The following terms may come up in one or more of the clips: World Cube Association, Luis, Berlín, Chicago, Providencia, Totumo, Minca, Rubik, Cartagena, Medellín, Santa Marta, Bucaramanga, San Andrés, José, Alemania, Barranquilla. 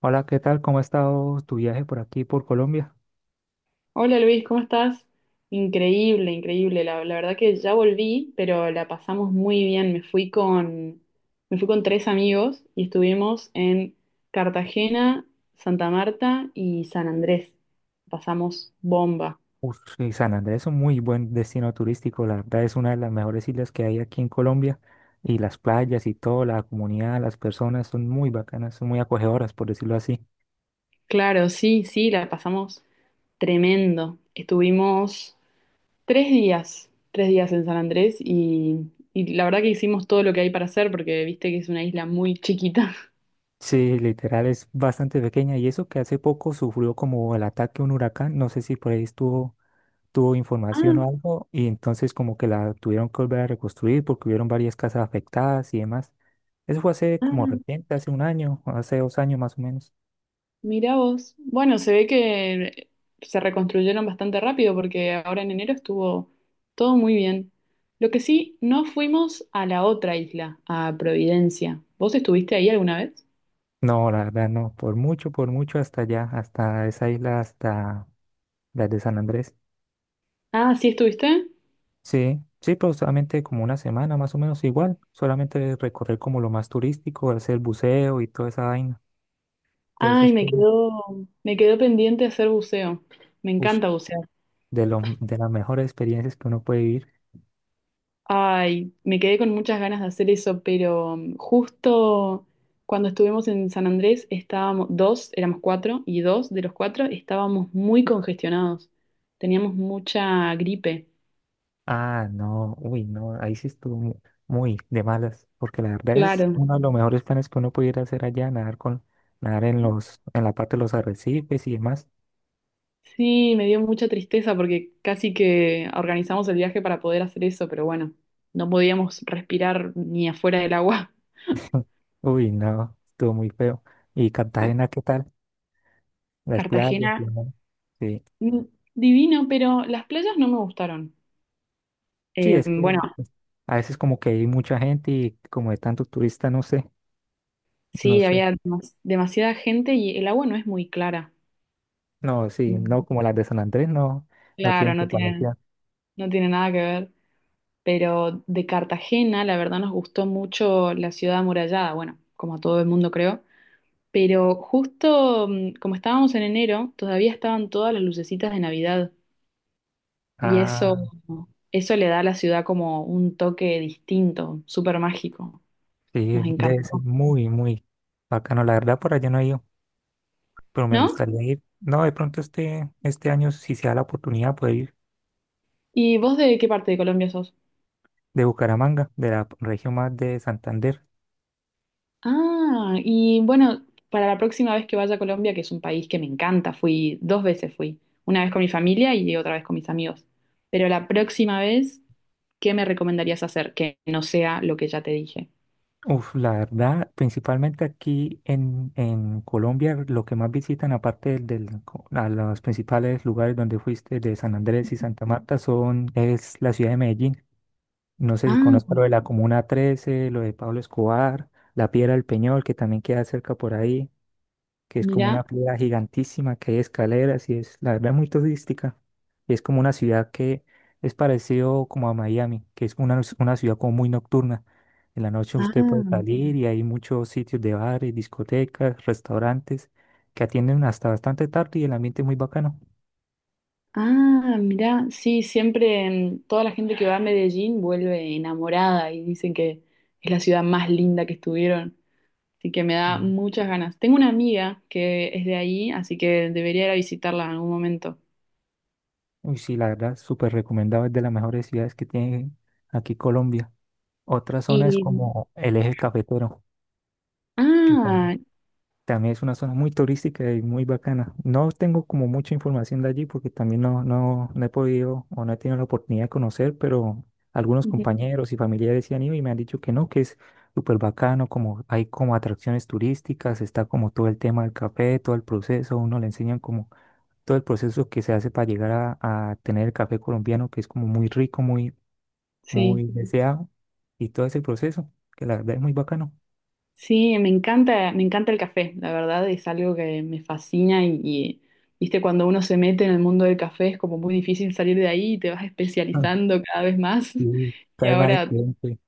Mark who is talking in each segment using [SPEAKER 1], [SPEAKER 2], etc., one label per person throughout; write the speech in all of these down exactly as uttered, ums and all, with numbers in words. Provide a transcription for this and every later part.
[SPEAKER 1] Hola, ¿qué tal? ¿Cómo ha estado tu viaje por aquí, por Colombia?
[SPEAKER 2] Hola Luis, ¿cómo estás? Increíble, increíble. La, la verdad que ya volví, pero la pasamos muy bien. Me fui con, me fui con tres amigos y estuvimos en Cartagena, Santa Marta y San Andrés. Pasamos bomba.
[SPEAKER 1] Uf, y San Andrés es un muy buen destino turístico, la verdad es una de las mejores islas que hay aquí en Colombia y las playas y todo, la comunidad, las personas son muy bacanas, son muy acogedoras, por decirlo así.
[SPEAKER 2] Claro, sí, sí, la pasamos tremendo. Estuvimos tres días, tres días en San Andrés y, y la verdad que hicimos todo lo que hay para hacer porque viste que es una isla muy chiquita.
[SPEAKER 1] Sí, literal es bastante pequeña y eso que hace poco sufrió como el ataque a un huracán, no sé si por ahí estuvo tuvo información o algo y entonces como que la tuvieron que volver a reconstruir porque hubieron varias casas afectadas y demás. Eso fue hace
[SPEAKER 2] Ah,
[SPEAKER 1] como
[SPEAKER 2] ah.
[SPEAKER 1] reciente, hace un año, hace dos años más o menos.
[SPEAKER 2] Mirá vos. Bueno, se ve que se reconstruyeron bastante rápido porque ahora en enero estuvo todo muy bien. Lo que sí, no fuimos a la otra isla, a Providencia. ¿Vos estuviste ahí alguna vez?
[SPEAKER 1] No, la verdad no, por mucho, por mucho hasta allá, hasta esa isla, hasta la de San Andrés.
[SPEAKER 2] Ah, ¿sí estuviste?
[SPEAKER 1] Sí, sí, pero solamente como una semana más o menos igual, solamente recorrer como lo más turístico, hacer buceo y toda esa vaina. Entonces,
[SPEAKER 2] Ay,
[SPEAKER 1] esas
[SPEAKER 2] me
[SPEAKER 1] cosas,
[SPEAKER 2] quedó, me quedó pendiente hacer buceo. Me
[SPEAKER 1] uf,
[SPEAKER 2] encanta bucear.
[SPEAKER 1] de, lo- de las mejores experiencias que uno puede vivir.
[SPEAKER 2] Ay, me quedé con muchas ganas de hacer eso, pero mm, justo cuando estuvimos en San Andrés estábamos dos, éramos cuatro, y dos de los cuatro estábamos muy congestionados. Teníamos mucha gripe.
[SPEAKER 1] Ah, no, uy, no, ahí sí estuvo mu- muy, de malas, porque la verdad es
[SPEAKER 2] Claro.
[SPEAKER 1] uno de los mejores planes que uno pudiera hacer allá, nadar con, nadar en los, en la parte de los arrecifes y demás.
[SPEAKER 2] Sí, me dio mucha tristeza porque casi que organizamos el viaje para poder hacer eso, pero bueno, no podíamos respirar ni afuera del agua.
[SPEAKER 1] Uy, no, estuvo muy feo. ¿Y
[SPEAKER 2] Sí.
[SPEAKER 1] Cartagena qué tal? Las playas, y
[SPEAKER 2] Cartagena,
[SPEAKER 1] demás. Sí,
[SPEAKER 2] mm, divino, pero las playas no me gustaron.
[SPEAKER 1] sí,
[SPEAKER 2] Eh,
[SPEAKER 1] es que
[SPEAKER 2] bueno,
[SPEAKER 1] es- a veces como que hay mucha gente y como de tanto turista, no sé, no
[SPEAKER 2] sí,
[SPEAKER 1] sé.
[SPEAKER 2] había demas- demasiada gente y el agua no es muy clara.
[SPEAKER 1] No, sí, no,
[SPEAKER 2] Mm.
[SPEAKER 1] como las de San Andrés, no, no tienen
[SPEAKER 2] Claro, no tiene,
[SPEAKER 1] comparación.
[SPEAKER 2] no tiene nada que ver. Pero de Cartagena, la verdad, nos gustó mucho la ciudad amurallada, bueno, como a todo el mundo creo. Pero justo mm, como estábamos en enero, todavía estaban todas las lucecitas de Navidad. Y eso,
[SPEAKER 1] Ah,
[SPEAKER 2] eso le da a la ciudad como un toque distinto, súper mágico.
[SPEAKER 1] sí,
[SPEAKER 2] Nos
[SPEAKER 1] debe
[SPEAKER 2] encantó,
[SPEAKER 1] ser muy, muy bacano, la verdad por allá no hay pero me
[SPEAKER 2] ¿no?
[SPEAKER 1] gustaría ir. No, de pronto este, este año, si se da la oportunidad, poder ir
[SPEAKER 2] ¿Y vos de qué parte de Colombia sos?
[SPEAKER 1] de Bucaramanga, de la región más de Santander.
[SPEAKER 2] Ah, y bueno, para la próxima vez que vaya a Colombia, que es un país que me encanta, fui dos veces fui, una vez con mi familia y otra vez con mis amigos. Pero la próxima vez, ¿qué me recomendarías hacer que no sea lo que ya te dije?
[SPEAKER 1] Uf, la verdad, principalmente aquí en, en Colombia, lo que más visitan, aparte del, del co- a los principales lugares donde fuiste, de San Andrés y Santa Marta, son, es la ciudad de Medellín. No sé si
[SPEAKER 2] Ah,
[SPEAKER 1] conozco lo de la Comuna trece, lo de Pablo Escobar, la Piedra del Peñol, que también queda cerca por ahí. Que es como
[SPEAKER 2] mira,
[SPEAKER 1] una piedra gigantísima que hay escaleras y es, la verdad, muy turística. Y es como una ciudad que es parecido como a Miami, que es una, una ciudad como muy nocturna. En la noche usted puede
[SPEAKER 2] ah,
[SPEAKER 1] salir y hay muchos sitios de bares, discotecas, restaurantes que atienden hasta bastante tarde y el ambiente es muy bacano.
[SPEAKER 2] ah, mira, sí, siempre mm, toda la gente que va a Medellín vuelve enamorada y dicen que es la ciudad más linda que estuvieron. Así que me da
[SPEAKER 1] Mm.
[SPEAKER 2] muchas ganas. Tengo una amiga que es de ahí, así que debería ir a visitarla en algún momento.
[SPEAKER 1] Uy, sí, la verdad, súper recomendado, es de las mejores ciudades que tiene aquí Colombia. Otra zona es
[SPEAKER 2] Y,
[SPEAKER 1] como el eje cafetero, que tam-
[SPEAKER 2] ah,
[SPEAKER 1] también es una zona muy turística y muy bacana. No tengo como mucha información de allí porque también no, no, no he podido o no he tenido la oportunidad de conocer, pero algunos
[SPEAKER 2] ujú,
[SPEAKER 1] compañeros y familiares sí han ido y me han dicho que no, que es súper bacano, como hay como atracciones turísticas, está como todo el tema del café, todo el proceso, uno le enseñan como todo el proceso que se hace para llegar a, a tener el café colombiano, que es como muy rico, muy, muy
[SPEAKER 2] sí,
[SPEAKER 1] deseado, y todo ese proceso, que la verdad es muy bacano.
[SPEAKER 2] sí, me encanta, me encanta el café, la verdad, es algo que me fascina y, y, viste, cuando uno se mete en el mundo del café es como muy difícil salir de ahí y te vas
[SPEAKER 1] Ah,
[SPEAKER 2] especializando cada vez más.
[SPEAKER 1] sí,
[SPEAKER 2] Y
[SPEAKER 1] cae mal el
[SPEAKER 2] ahora,
[SPEAKER 1] cliente.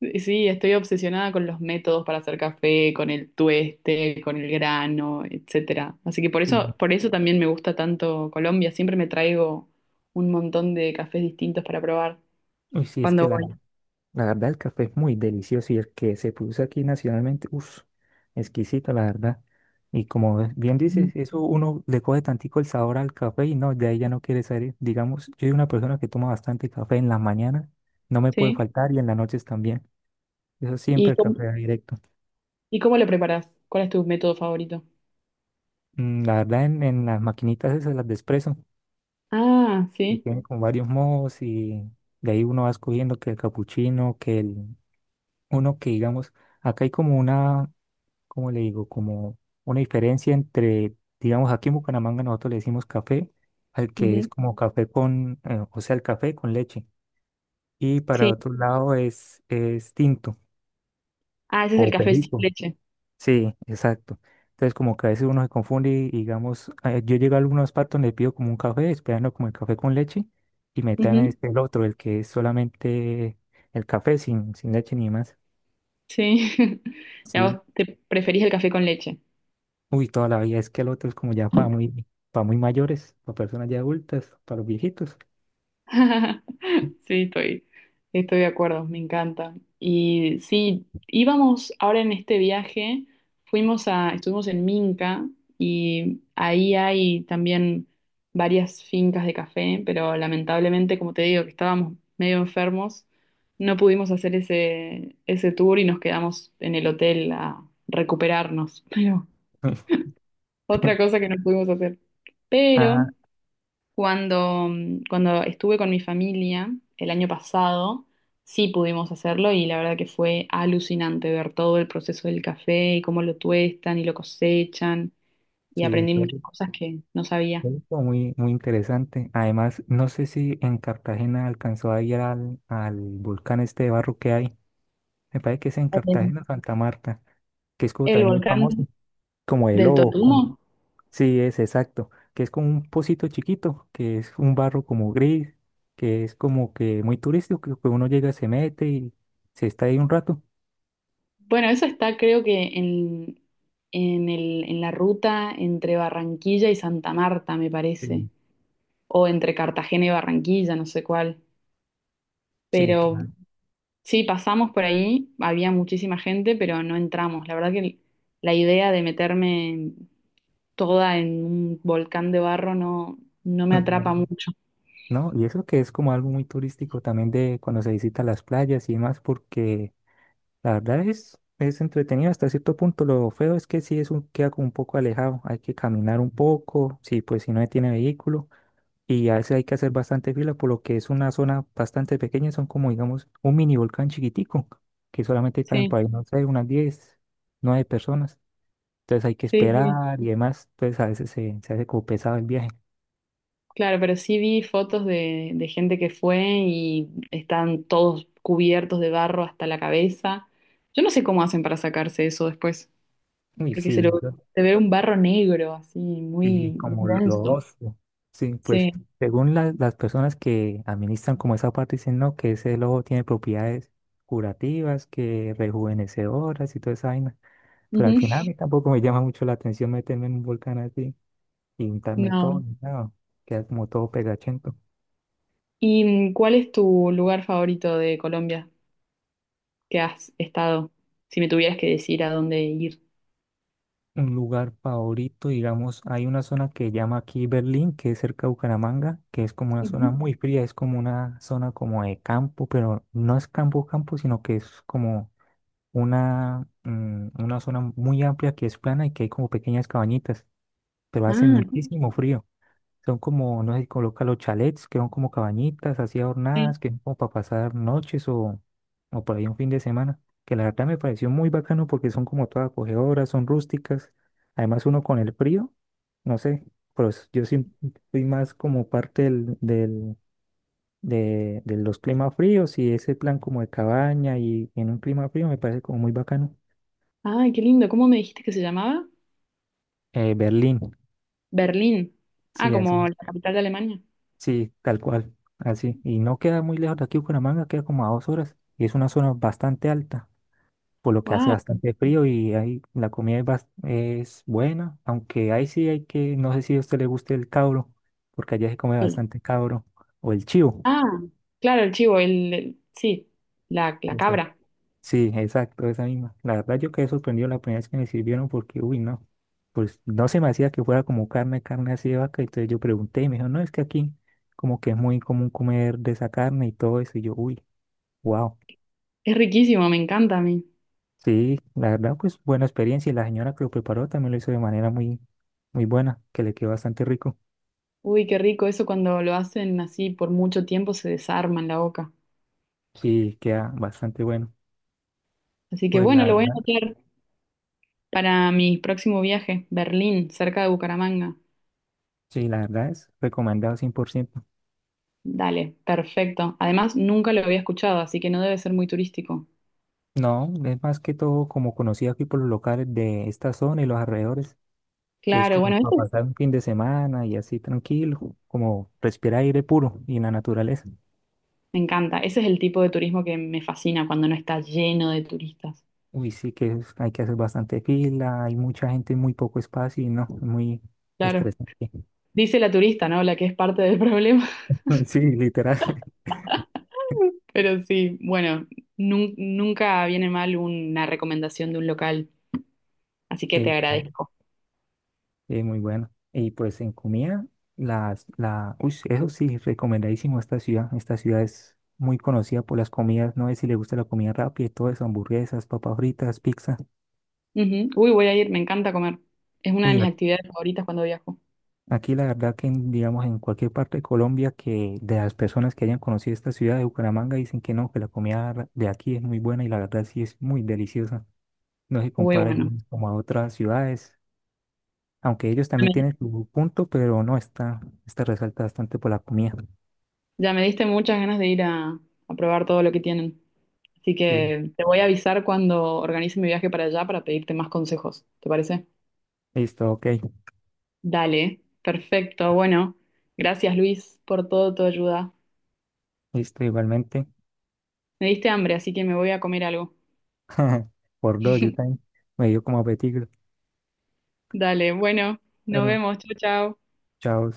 [SPEAKER 2] eh, sí, estoy obsesionada con los métodos para hacer café, con el tueste, con el grano, etcétera. Así que por eso, por eso también me gusta tanto Colombia, siempre me traigo un montón de cafés distintos para probar
[SPEAKER 1] Uy, sí, es que
[SPEAKER 2] cuando
[SPEAKER 1] la,
[SPEAKER 2] voy.
[SPEAKER 1] la verdad el café es muy delicioso y el que se produce aquí nacionalmente, uff, exquisito, la verdad. Y como ves- bien dices,
[SPEAKER 2] Ujú.
[SPEAKER 1] eso uno le coge tantico el sabor al café y no, de ahí ya no quiere salir. Digamos, yo soy una persona que toma bastante café en las mañanas, no me puede
[SPEAKER 2] Sí.
[SPEAKER 1] faltar y en las noches también. Eso siempre
[SPEAKER 2] ¿Y
[SPEAKER 1] el
[SPEAKER 2] cómo-
[SPEAKER 1] café directo.
[SPEAKER 2] ¿Y cómo lo preparas? ¿Cuál es tu método favorito?
[SPEAKER 1] Mm, La verdad, en, en las maquinitas esas, las de espresso,
[SPEAKER 2] Ah,
[SPEAKER 1] que
[SPEAKER 2] sí.
[SPEAKER 1] tienen con varios modos y de ahí uno va escogiendo que el capuchino, que el, uno que digamos, acá hay como una ¿cómo le digo? Como una diferencia entre, digamos, aquí en Bucaramanga nosotros le decimos café, al que es
[SPEAKER 2] Ujú.
[SPEAKER 1] como café con, eh, o sea, el café con leche. Y para
[SPEAKER 2] Sí.
[SPEAKER 1] otro lado es, es tinto.
[SPEAKER 2] Ah, ese es el
[SPEAKER 1] O
[SPEAKER 2] café sin
[SPEAKER 1] perico.
[SPEAKER 2] leche.
[SPEAKER 1] Sí, exacto. Entonces como que a veces uno se confunde y digamos, eh, yo llego a algunos partos, le pido como un café, esperando como el café con leche, y me traen
[SPEAKER 2] Ujú.
[SPEAKER 1] es el otro, el que es solamente el café sin, sin leche ni más.
[SPEAKER 2] Sí. ¿Y a
[SPEAKER 1] Sí,
[SPEAKER 2] vos te preferís el café con leche?
[SPEAKER 1] uy, toda la vida es que el otro es como ya para muy, para muy, mayores, para personas ya adultas, para los viejitos.
[SPEAKER 2] Sí, estoy, estoy de acuerdo, me encanta. Y sí, íbamos ahora en este viaje, fuimos a, estuvimos en Minca y ahí hay también varias fincas de café, pero lamentablemente, como te digo, que estábamos medio enfermos, no pudimos hacer ese, ese tour y nos quedamos en el hotel a recuperarnos. Pero otra cosa que no pudimos hacer. Pero
[SPEAKER 1] Ah,
[SPEAKER 2] cuando, mm, cuando estuve con mi familia el año pasado, sí pudimos hacerlo y la verdad que fue alucinante ver todo el proceso del café y cómo lo tuestan y lo cosechan y
[SPEAKER 1] sí,
[SPEAKER 2] aprendí
[SPEAKER 1] creo que-
[SPEAKER 2] muchas cosas que no sabía.
[SPEAKER 1] creo muy, muy interesante. Además, no sé si en Cartagena alcanzó a ir al, al volcán este de barro que hay. Me parece que es en
[SPEAKER 2] El
[SPEAKER 1] Cartagena, Santa Marta, que es como
[SPEAKER 2] el
[SPEAKER 1] también muy famoso,
[SPEAKER 2] volcán
[SPEAKER 1] como el
[SPEAKER 2] del
[SPEAKER 1] lobo. como-
[SPEAKER 2] Totumo.
[SPEAKER 1] Sí, es exacto, que es como un pocito chiquito, que es un barro como gris, que es como que muy turístico, que uno llega, se mete y se está ahí un rato.
[SPEAKER 2] Bueno, eso está creo que en, en el, en la ruta entre Barranquilla y Santa Marta, me
[SPEAKER 1] eh,
[SPEAKER 2] parece, o entre Cartagena y Barranquilla, no sé cuál.
[SPEAKER 1] Sí,
[SPEAKER 2] Pero
[SPEAKER 1] claro.
[SPEAKER 2] sí, pasamos por ahí, había muchísima gente, pero no entramos. La verdad que la idea de meterme toda en un volcán de barro no, no me
[SPEAKER 1] Claro.
[SPEAKER 2] atrapa mucho.
[SPEAKER 1] No, y eso que es como algo muy turístico también de cuando se visita las playas y demás, porque la verdad es, es entretenido hasta cierto punto. Lo feo es que sí es un, queda como un poco alejado, hay que caminar un poco, sí, pues si no tiene vehículo, y a veces hay que hacer bastante fila, por lo que es una zona bastante pequeña, son como digamos un mini volcán chiquitico, que solamente caen
[SPEAKER 2] Sí,
[SPEAKER 1] para, ahí, no sé, unas diez nueve personas. Entonces hay que
[SPEAKER 2] sí, sí.
[SPEAKER 1] esperar y demás, pues a veces se, se hace como pesado el viaje.
[SPEAKER 2] Claro, pero sí vi fotos de, de gente que fue y están todos cubiertos de barro hasta la cabeza. Yo no sé cómo hacen para sacarse eso después,
[SPEAKER 1] Uy,
[SPEAKER 2] porque se lo,
[SPEAKER 1] sí,
[SPEAKER 2] se ve un barro negro así, muy,
[SPEAKER 1] sí,
[SPEAKER 2] muy
[SPEAKER 1] como lo lo
[SPEAKER 2] denso.
[SPEAKER 1] otro. Sí, pues
[SPEAKER 2] Sí.
[SPEAKER 1] según la- las personas que administran como esa parte dicen, no, que ese lobo tiene propiedades curativas, que rejuvenecedoras y toda esa vaina. Pero al
[SPEAKER 2] Ujú.
[SPEAKER 1] final a mí tampoco me llama mucho la atención meterme en un volcán así y untarme todo,
[SPEAKER 2] No.
[SPEAKER 1] ni nada. Queda como todo pegachento.
[SPEAKER 2] ¿Y cuál es tu lugar favorito de Colombia que has estado? Si me tuvieras que decir a dónde ir.
[SPEAKER 1] Un lugar favorito, digamos, hay una zona que llama aquí Berlín, que es cerca de Bucaramanga, que es como una zona
[SPEAKER 2] Ujú.
[SPEAKER 1] muy fría, es como una zona como de campo, pero no es campo campo, sino que es como una, mm, una zona muy amplia que es plana y que hay como pequeñas cabañitas, pero hace
[SPEAKER 2] Ah.
[SPEAKER 1] muchísimo frío. Son como, no sé, si coloca los chalets, que son como cabañitas así
[SPEAKER 2] Sí.
[SPEAKER 1] adornadas, que son como para pasar noches o, o por ahí un fin de semana, que la verdad me pareció muy bacano porque son como todas acogedoras, son rústicas. Además uno con el frío, no sé, pero s- yo sí fui más como parte del, del- de, de los climas fríos y ese plan como de cabaña y en un clima frío me parece como muy bacano.
[SPEAKER 2] Ay, qué lindo. ¿Cómo me dijiste que se llamaba?
[SPEAKER 1] Eh, Berlín,
[SPEAKER 2] Berlín. Ah,
[SPEAKER 1] sí,
[SPEAKER 2] como
[SPEAKER 1] así,
[SPEAKER 2] la capital de Alemania.
[SPEAKER 1] sí, tal cual, así. Y no queda muy lejos de aquí, Bucaramanga, queda como a dos horas. Y es una zona bastante alta, por lo que hace
[SPEAKER 2] Wow.
[SPEAKER 1] bastante frío y ahí la comida es, bas- es buena, aunque ahí sí hay que, no sé si a usted le guste el cabro, porque allá se come
[SPEAKER 2] Sí.
[SPEAKER 1] bastante cabro, o el chivo.
[SPEAKER 2] Ah, claro, el chivo, el, el- sí, la, la cabra.
[SPEAKER 1] Sí, exacto, esa misma. La verdad yo quedé sorprendido la primera vez que me sirvieron porque, uy, no, pues no se me hacía que fuera como carne, carne así de vaca. Entonces yo pregunté y me dijo, no, es que aquí como que es muy común comer de esa carne y todo eso. Y yo, uy, wow.
[SPEAKER 2] Es riquísimo, me encanta a mí.
[SPEAKER 1] Sí, la verdad pues buena experiencia y la señora que lo preparó también lo hizo de manera muy, muy buena, que le quedó bastante rico.
[SPEAKER 2] Uy, qué rico eso cuando lo hacen así por mucho tiempo se desarma en la boca.
[SPEAKER 1] Sí, queda bastante bueno.
[SPEAKER 2] Así que
[SPEAKER 1] Pues la
[SPEAKER 2] bueno, lo voy a
[SPEAKER 1] verdad,
[SPEAKER 2] anotar para mi próximo viaje, Berlín, cerca de Bucaramanga.
[SPEAKER 1] sí, la verdad es recomendado cien por ciento.
[SPEAKER 2] Dale, perfecto. Además, nunca lo había escuchado, así que no debe ser muy turístico.
[SPEAKER 1] No, es más que todo como conocido aquí por los locales de esta zona y los alrededores. Que es
[SPEAKER 2] Claro,
[SPEAKER 1] como
[SPEAKER 2] bueno, ese
[SPEAKER 1] para pasar
[SPEAKER 2] es-
[SPEAKER 1] un fin de semana y así tranquilo, como respirar aire puro y la naturaleza.
[SPEAKER 2] me encanta. Ese es el tipo de turismo que me fascina cuando no está lleno de turistas.
[SPEAKER 1] Uy, sí que es- hay que hacer bastante fila, hay mucha gente, muy poco espacio y no, es muy
[SPEAKER 2] Claro.
[SPEAKER 1] estresante.
[SPEAKER 2] Dice la turista, ¿no? La que es parte del problema.
[SPEAKER 1] Sí, literal.
[SPEAKER 2] Pero sí, bueno, nun- nunca viene mal una recomendación de un local, así que te
[SPEAKER 1] Sí, claro.
[SPEAKER 2] agradezco.
[SPEAKER 1] Sí, muy bueno. Y pues en comida, las, la, uy, eso sí, recomendadísimo esta ciudad. Esta ciudad es muy conocida por las comidas, no sé si le gusta la comida rápida y todo eso, hamburguesas, papas fritas, pizza.
[SPEAKER 2] Ujú. Uy, voy a ir, me encanta comer. Es una de
[SPEAKER 1] Uy,
[SPEAKER 2] mis actividades favoritas cuando viajo.
[SPEAKER 1] aquí la verdad que, en, digamos, en cualquier parte de Colombia, que de las personas que hayan conocido esta ciudad de Bucaramanga dicen que no, que la comida de aquí es muy buena y la verdad sí es muy deliciosa. No se
[SPEAKER 2] Uy,
[SPEAKER 1] compara
[SPEAKER 2] bueno.
[SPEAKER 1] Mm. como a otras ciudades, aunque ellos también tienen su punto, pero no, está, está resalta bastante por la comida.
[SPEAKER 2] Ya me diste muchas ganas de ir a, a probar todo lo que tienen. Así
[SPEAKER 1] Sí,
[SPEAKER 2] que te voy a avisar cuando organice mi viaje para allá para pedirte más consejos. ¿Te parece?
[SPEAKER 1] listo, ok,
[SPEAKER 2] Dale, perfecto. Bueno, gracias Luis por toda tu ayuda.
[SPEAKER 1] listo, igualmente.
[SPEAKER 2] Me diste hambre, así que me voy a comer algo.
[SPEAKER 1] Por dos, yo también me dio como apetito.
[SPEAKER 2] Dale, bueno, nos
[SPEAKER 1] Bueno,
[SPEAKER 2] vemos. Chao, chao.
[SPEAKER 1] chao.